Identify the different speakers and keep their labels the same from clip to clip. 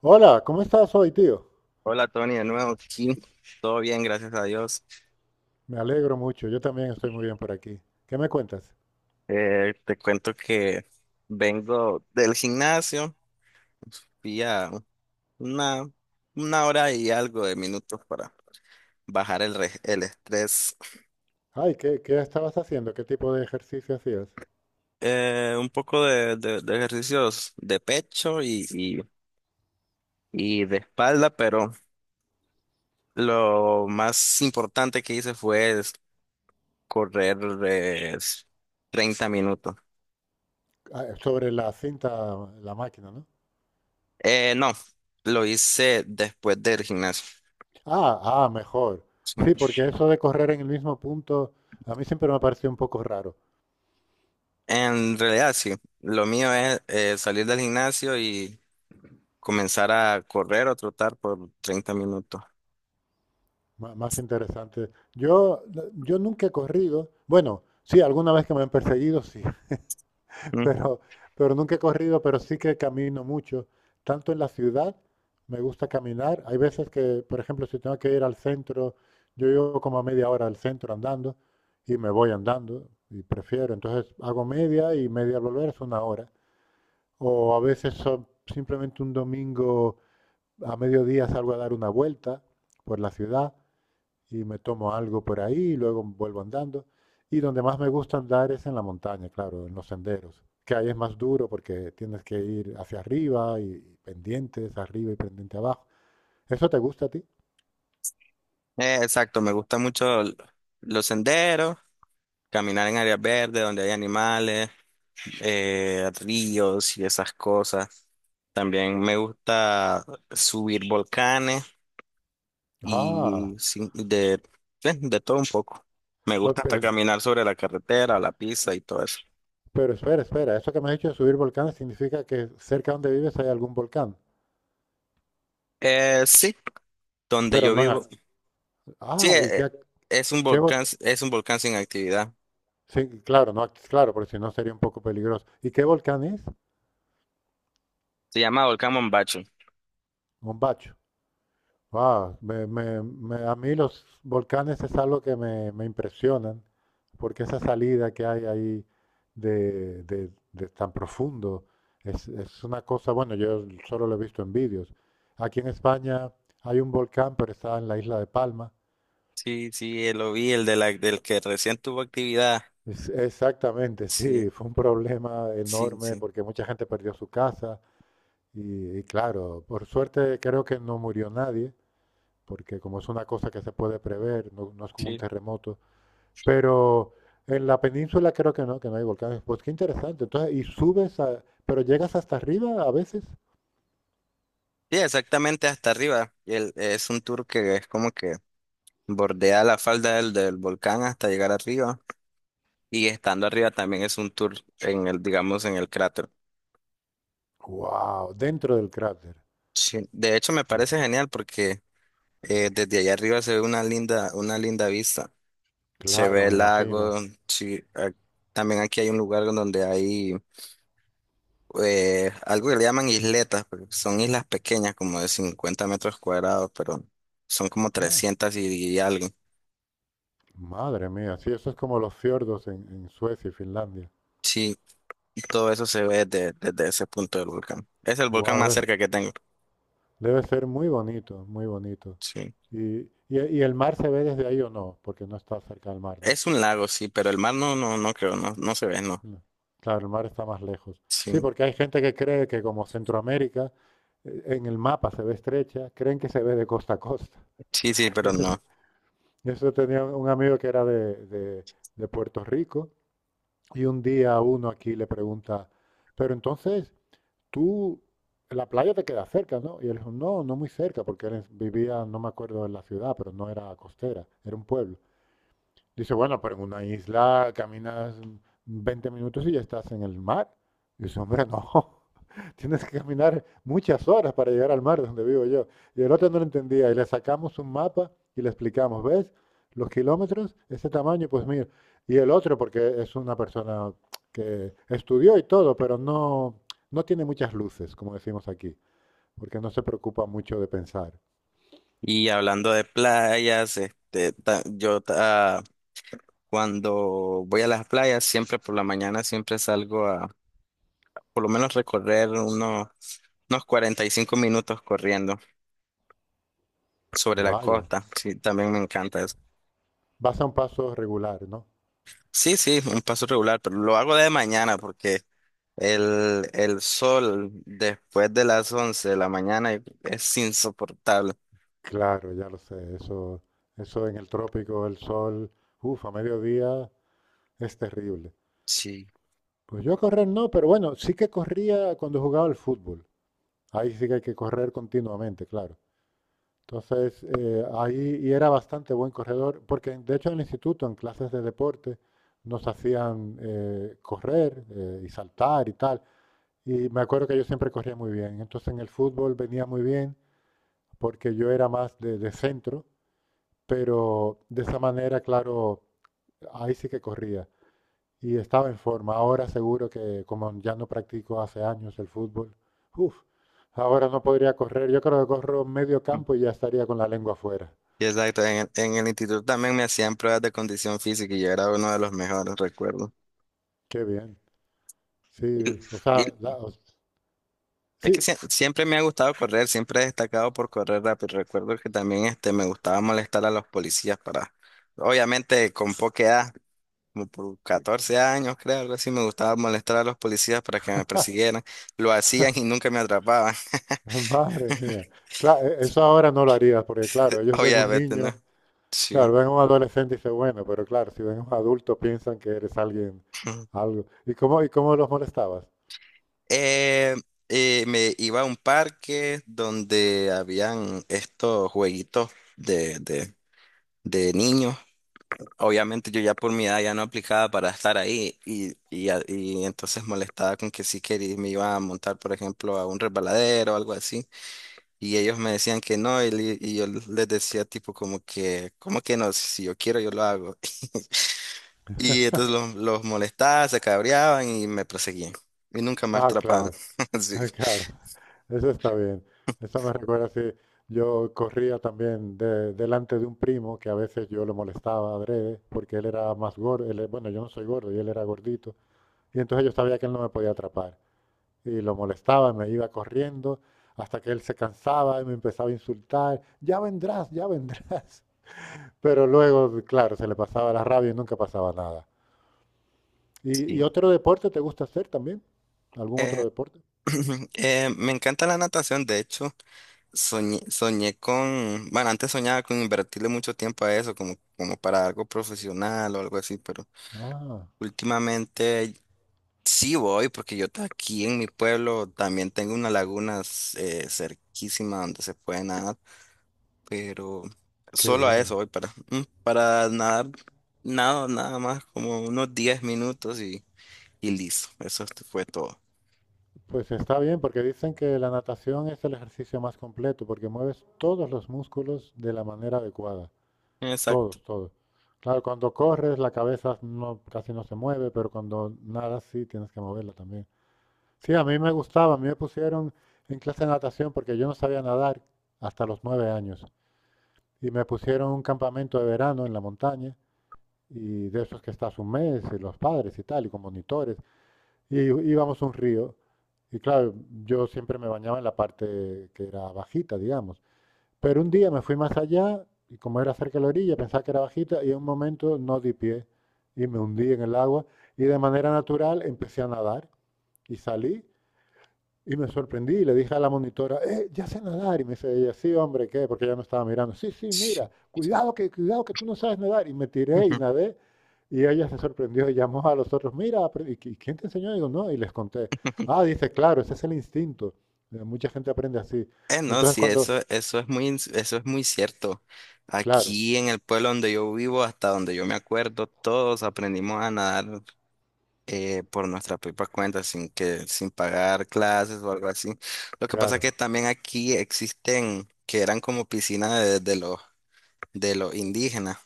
Speaker 1: Hola, ¿cómo estás hoy, tío?
Speaker 2: Hola Tony, de nuevo aquí. Todo bien, gracias a Dios.
Speaker 1: Me alegro mucho, yo también estoy muy bien por aquí. ¿Qué me cuentas?
Speaker 2: Te cuento que vengo del gimnasio, fui a una, una hora y algo de minutos para bajar el estrés.
Speaker 1: Ay, ¿qué estabas haciendo? ¿Qué tipo de ejercicio hacías?
Speaker 2: Un poco de ejercicios de pecho y de espalda, pero lo más importante que hice fue es correr eh, 30 minutos.
Speaker 1: Ah, sobre la cinta, la máquina, ¿no?
Speaker 2: No, lo hice después del gimnasio.
Speaker 1: Ah, ah, mejor.
Speaker 2: Sí.
Speaker 1: Sí, porque eso de correr en el mismo punto a mí siempre me ha parecido un poco raro,
Speaker 2: En realidad, sí. Lo mío es salir del gimnasio y comenzar a correr o trotar por 30 minutos.
Speaker 1: más interesante. Yo nunca he corrido, bueno, sí, alguna vez que me han perseguido, sí,
Speaker 2: Ujú.
Speaker 1: pero, pero nunca he corrido, pero sí que camino mucho, tanto en la ciudad, me gusta caminar. Hay veces que, por ejemplo, si tengo que ir al centro, yo llevo como a media hora al centro andando y me voy andando y prefiero. Entonces hago media y media al volver es una hora. O a veces son simplemente un domingo a mediodía salgo a dar una vuelta por la ciudad y me tomo algo por ahí y luego vuelvo andando. Y donde más me gusta andar es en la montaña, claro, en los senderos, que ahí es más duro porque tienes que ir hacia arriba y pendientes arriba y pendiente abajo. ¿Eso te gusta a ti?
Speaker 2: Exacto, me gusta mucho los senderos, caminar en áreas verdes donde hay animales, ríos y esas cosas. También me gusta subir volcanes y
Speaker 1: Ah,
Speaker 2: sí, de todo un poco. Me
Speaker 1: o-
Speaker 2: gusta hasta
Speaker 1: pe-
Speaker 2: caminar sobre la carretera, la pista y todo eso.
Speaker 1: pero espera, espera, eso que me has dicho de subir volcanes significa que cerca donde vives hay algún volcán,
Speaker 2: Sí, donde
Speaker 1: pero
Speaker 2: yo
Speaker 1: no en...
Speaker 2: vivo. Sí,
Speaker 1: Ah, ¿y qué, qué
Speaker 2: es un volcán sin actividad.
Speaker 1: Sí, claro, no, claro, porque si no sería un poco peligroso. ¿Y qué volcán es?
Speaker 2: Se llama Volcán Mombacho.
Speaker 1: Mombacho. Ah, a mí los volcanes es algo que me impresionan, porque esa salida que hay ahí de, de tan profundo es una cosa, bueno, yo solo lo he visto en vídeos. Aquí en España hay un volcán, pero está en la isla de Palma.
Speaker 2: Sí, sí, lo vi, el de la, del que recién tuvo actividad.
Speaker 1: Es- exactamente, sí,
Speaker 2: Sí,
Speaker 1: fue un problema
Speaker 2: sí,
Speaker 1: enorme
Speaker 2: sí.
Speaker 1: porque mucha gente perdió su casa y claro, por suerte creo que no murió nadie, porque como es una cosa que se puede prever, no es como un
Speaker 2: Sí.
Speaker 1: terremoto. Pero en la península creo que no hay volcanes. Pues qué interesante. Entonces, y subes a, pero llegas hasta arriba a veces.
Speaker 2: Sí, exactamente hasta arriba. Y es un tour que es como que bordea la falda del volcán hasta llegar arriba. Y estando arriba también es un tour en el, digamos, en el cráter.
Speaker 1: Wow, dentro del cráter.
Speaker 2: Sí. De hecho, me
Speaker 1: Mm,
Speaker 2: parece genial porque desde allá arriba se ve una linda vista. Se
Speaker 1: claro,
Speaker 2: ve
Speaker 1: me
Speaker 2: el
Speaker 1: imagino.
Speaker 2: lago. Sí, también aquí hay un lugar en donde hay algo que le llaman isletas, pero son islas pequeñas, como de 50 metros cuadrados, pero son como
Speaker 1: Ah,
Speaker 2: trescientas y algo.
Speaker 1: madre mía, sí, eso es como los fiordos en Suecia y Finlandia.
Speaker 2: Sí, y todo eso se ve desde ese punto del volcán. Es el volcán
Speaker 1: Wow,
Speaker 2: más
Speaker 1: debe,
Speaker 2: cerca que tengo.
Speaker 1: debe ser muy bonito, muy bonito.
Speaker 2: Sí.
Speaker 1: Y el mar se ve desde ahí o no, porque no está cerca del mar, ¿no?
Speaker 2: Es un lago, sí, pero el mar no, no, no creo, no, no se ve, no.
Speaker 1: Mm. Claro, el mar está más lejos. Sí,
Speaker 2: Sí,
Speaker 1: porque hay gente que cree que como Centroamérica, en el mapa se ve estrecha, creen que se ve de costa a costa.
Speaker 2: sí, sí, pero
Speaker 1: Ese es-
Speaker 2: no.
Speaker 1: eso tenía un amigo que era de, de Puerto Rico y un día uno aquí le pregunta, pero entonces tú, la playa te queda cerca, ¿no? Y él dijo, no, no muy cerca, porque él vivía, no me acuerdo de la ciudad, pero no era costera, era un pueblo. Dice, bueno, pero en una isla caminas 20 minutos y ya estás en el mar. Y dice, hombre, no, tienes que caminar muchas horas para llegar al mar de donde vivo yo. Y el otro no lo entendía y le sacamos un mapa y le explicamos, ¿ves? Los kilómetros, ese tamaño, pues mira. Y el otro, porque es una persona que estudió y todo, pero no, no tiene muchas luces, como decimos aquí, porque no se preocupa mucho de pensar.
Speaker 2: Y hablando de playas, cuando voy a las playas, siempre por la mañana, siempre salgo a por lo menos recorrer unos 45 minutos corriendo sobre la
Speaker 1: Vaya,
Speaker 2: costa. Sí, también me encanta eso.
Speaker 1: vas a un paso regular, ¿no?
Speaker 2: Sí, sí, un paso regular, pero lo hago de mañana porque el sol después de las 11 de la mañana es insoportable.
Speaker 1: Claro, ya lo sé. Eso en el trópico, el sol, uff, a mediodía es terrible.
Speaker 2: Sí.
Speaker 1: Pues yo correr no, pero bueno, sí que corría cuando jugaba al fútbol. Ahí sí que hay que correr continuamente, claro. Entonces, ahí y era bastante buen corredor, porque de hecho en el instituto, en clases de deporte, nos hacían correr y saltar y tal. Y me acuerdo que yo siempre corría muy bien. Entonces en el fútbol venía muy bien porque yo era más de centro. Pero de esa manera, claro, ahí sí que corría y estaba en forma. Ahora seguro que como ya no practico hace años el fútbol, uf, ahora no podría correr. Yo creo que corro medio campo y ya estaría con la lengua afuera.
Speaker 2: Exacto, en en el instituto también me hacían pruebas de condición física y yo era uno de los mejores, recuerdo.
Speaker 1: Qué bien. Sí, o
Speaker 2: Y,
Speaker 1: sea,
Speaker 2: Es que
Speaker 1: sí,
Speaker 2: siempre me ha gustado correr, siempre he destacado por correr rápido. Recuerdo que también me gustaba molestar a los policías para, obviamente con poca edad, como por 14 años, creo, algo así, me gustaba molestar a los policías para que me persiguieran. Lo hacían y nunca me atrapaban.
Speaker 1: madre mía. Claro, eso ahora no lo harías porque claro, ellos ven un
Speaker 2: Obviamente, ¿no?
Speaker 1: niño, claro,
Speaker 2: Sí.
Speaker 1: ven un adolescente y dicen, bueno, pero claro, si ven un adulto piensan que eres alguien, algo. Y cómo los molestabas?
Speaker 2: Eh, me iba a un parque donde habían estos jueguitos de, de, de niños. Obviamente yo ya por mi edad ya no aplicaba para estar ahí y entonces molestaba con que sí quería, me iba a montar, por ejemplo, a un resbaladero o algo así. Y ellos me decían que no y yo les decía tipo como que, ¿cómo que no? Si yo quiero, yo lo hago. Y entonces los molestaba, se cabreaban y me perseguían. Y nunca me
Speaker 1: Ah,
Speaker 2: atrapaban.
Speaker 1: claro.
Speaker 2: Sí.
Speaker 1: Ah, claro, eso está bien. Eso me recuerda si yo corría también delante de un primo que a veces yo lo molestaba adrede porque él era más gordo. Él bueno, yo no soy gordo y él era gordito. Y entonces yo sabía que él no me podía atrapar. Y lo molestaba, me iba corriendo hasta que él se cansaba y me empezaba a insultar. Ya vendrás, ya vendrás. Pero luego, claro, se le pasaba la rabia y nunca pasaba nada.
Speaker 2: Sí.
Speaker 1: Y otro deporte te gusta hacer también? ¿Algún otro
Speaker 2: Eh,
Speaker 1: deporte?
Speaker 2: me encanta la natación, de hecho. Soñé con, bueno, antes soñaba con invertirle mucho tiempo a eso, como, como para algo profesional o algo así, pero
Speaker 1: Ah,
Speaker 2: últimamente sí voy, porque aquí en mi pueblo también tengo una laguna cerquísima donde se puede nadar, pero
Speaker 1: qué
Speaker 2: solo a
Speaker 1: bien.
Speaker 2: eso voy para, para nadar, nada más, como unos 10 minutos y listo, eso fue todo.
Speaker 1: Pues está bien, porque dicen que la natación es el ejercicio más completo, porque mueves todos los músculos de la manera adecuada.
Speaker 2: Exacto.
Speaker 1: Todos, todos. Claro, cuando corres la cabeza no, casi no se mueve, pero cuando nadas sí tienes que moverla también. Sí, a mí me gustaba, a mí me pusieron en clase de natación porque yo no sabía nadar hasta los 9 años. Y me pusieron un campamento de verano en la montaña, y de esos que estás un mes, y los padres y tal, y con monitores. Y íbamos a un río. Y claro, yo siempre me bañaba en la parte que era bajita, digamos. Pero un día me fui más allá y como era cerca de la orilla, pensaba que era bajita y en un momento no di pie y me hundí en el agua y de manera natural empecé a nadar y salí y me sorprendí y le dije a la monitora, ya sé nadar. Y me dice ella, sí, hombre, ¿qué? Porque ella no estaba mirando. Sí, sí,
Speaker 2: Sí.
Speaker 1: mira, cuidado que tú no sabes nadar. Y me tiré y nadé. Y ella se sorprendió y llamó a los otros, mira, ¿y quién te enseñó? Y digo, no, y les conté. Ah, dice, claro, ese es el instinto. Mucha gente aprende así. Y
Speaker 2: No,
Speaker 1: entonces
Speaker 2: sí,
Speaker 1: cuando,
Speaker 2: eso es muy, eso es muy cierto.
Speaker 1: claro,
Speaker 2: Aquí en el pueblo donde yo vivo, hasta donde yo me acuerdo, todos aprendimos a nadar por nuestra propia cuenta, sin pagar clases o algo así. Lo que pasa es que
Speaker 1: claro.
Speaker 2: también aquí existen, que eran como piscinas de los indígenas,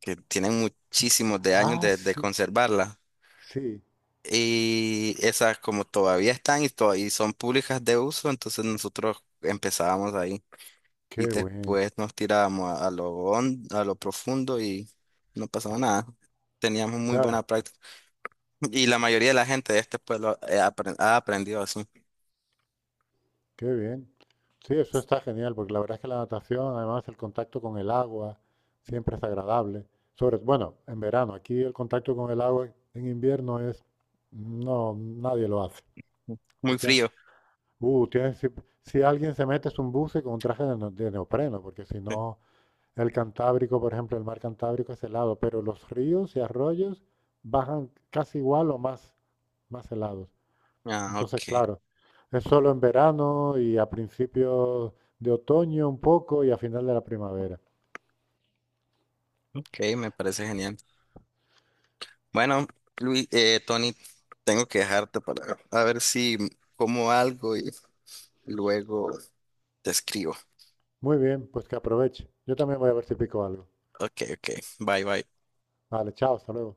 Speaker 2: que tienen muchísimos de años
Speaker 1: Ah,
Speaker 2: de
Speaker 1: sí,
Speaker 2: conservarlas.
Speaker 1: sí,
Speaker 2: Y esas como todavía están y son públicas de uso, entonces nosotros empezábamos ahí. Y
Speaker 1: qué bueno,
Speaker 2: después nos tirábamos a lo a lo profundo y no pasaba nada. Teníamos muy buena
Speaker 1: claro.
Speaker 2: práctica. Y la mayoría de la gente de este pueblo ha aprendido así.
Speaker 1: Qué bien. Sí, eso está genial, porque la verdad es que la natación, además, el contacto con el agua siempre es agradable. Sobre, bueno, en verano, aquí el contacto con el agua en invierno es, no, nadie lo hace. Te
Speaker 2: Muy
Speaker 1: tienes-
Speaker 2: frío.
Speaker 1: tienes- si, si alguien se mete es un buce con un traje de, de neopreno, porque si
Speaker 2: Sí.
Speaker 1: no, el Cantábrico, por ejemplo, el mar Cantábrico es helado, pero los ríos y arroyos bajan casi igual o más, más helados.
Speaker 2: Ah,
Speaker 1: Entonces,
Speaker 2: ok.
Speaker 1: claro, es solo en verano y a principios de otoño un poco y a final de la primavera.
Speaker 2: Ok, me parece genial. Bueno, Luis, Tony, tengo que dejarte para a ver si como algo y luego te escribo.
Speaker 1: Muy bien, pues que aproveche. Yo también voy a ver si pico algo.
Speaker 2: Ok, ok. Bye, bye.
Speaker 1: Vale, chao, hasta luego.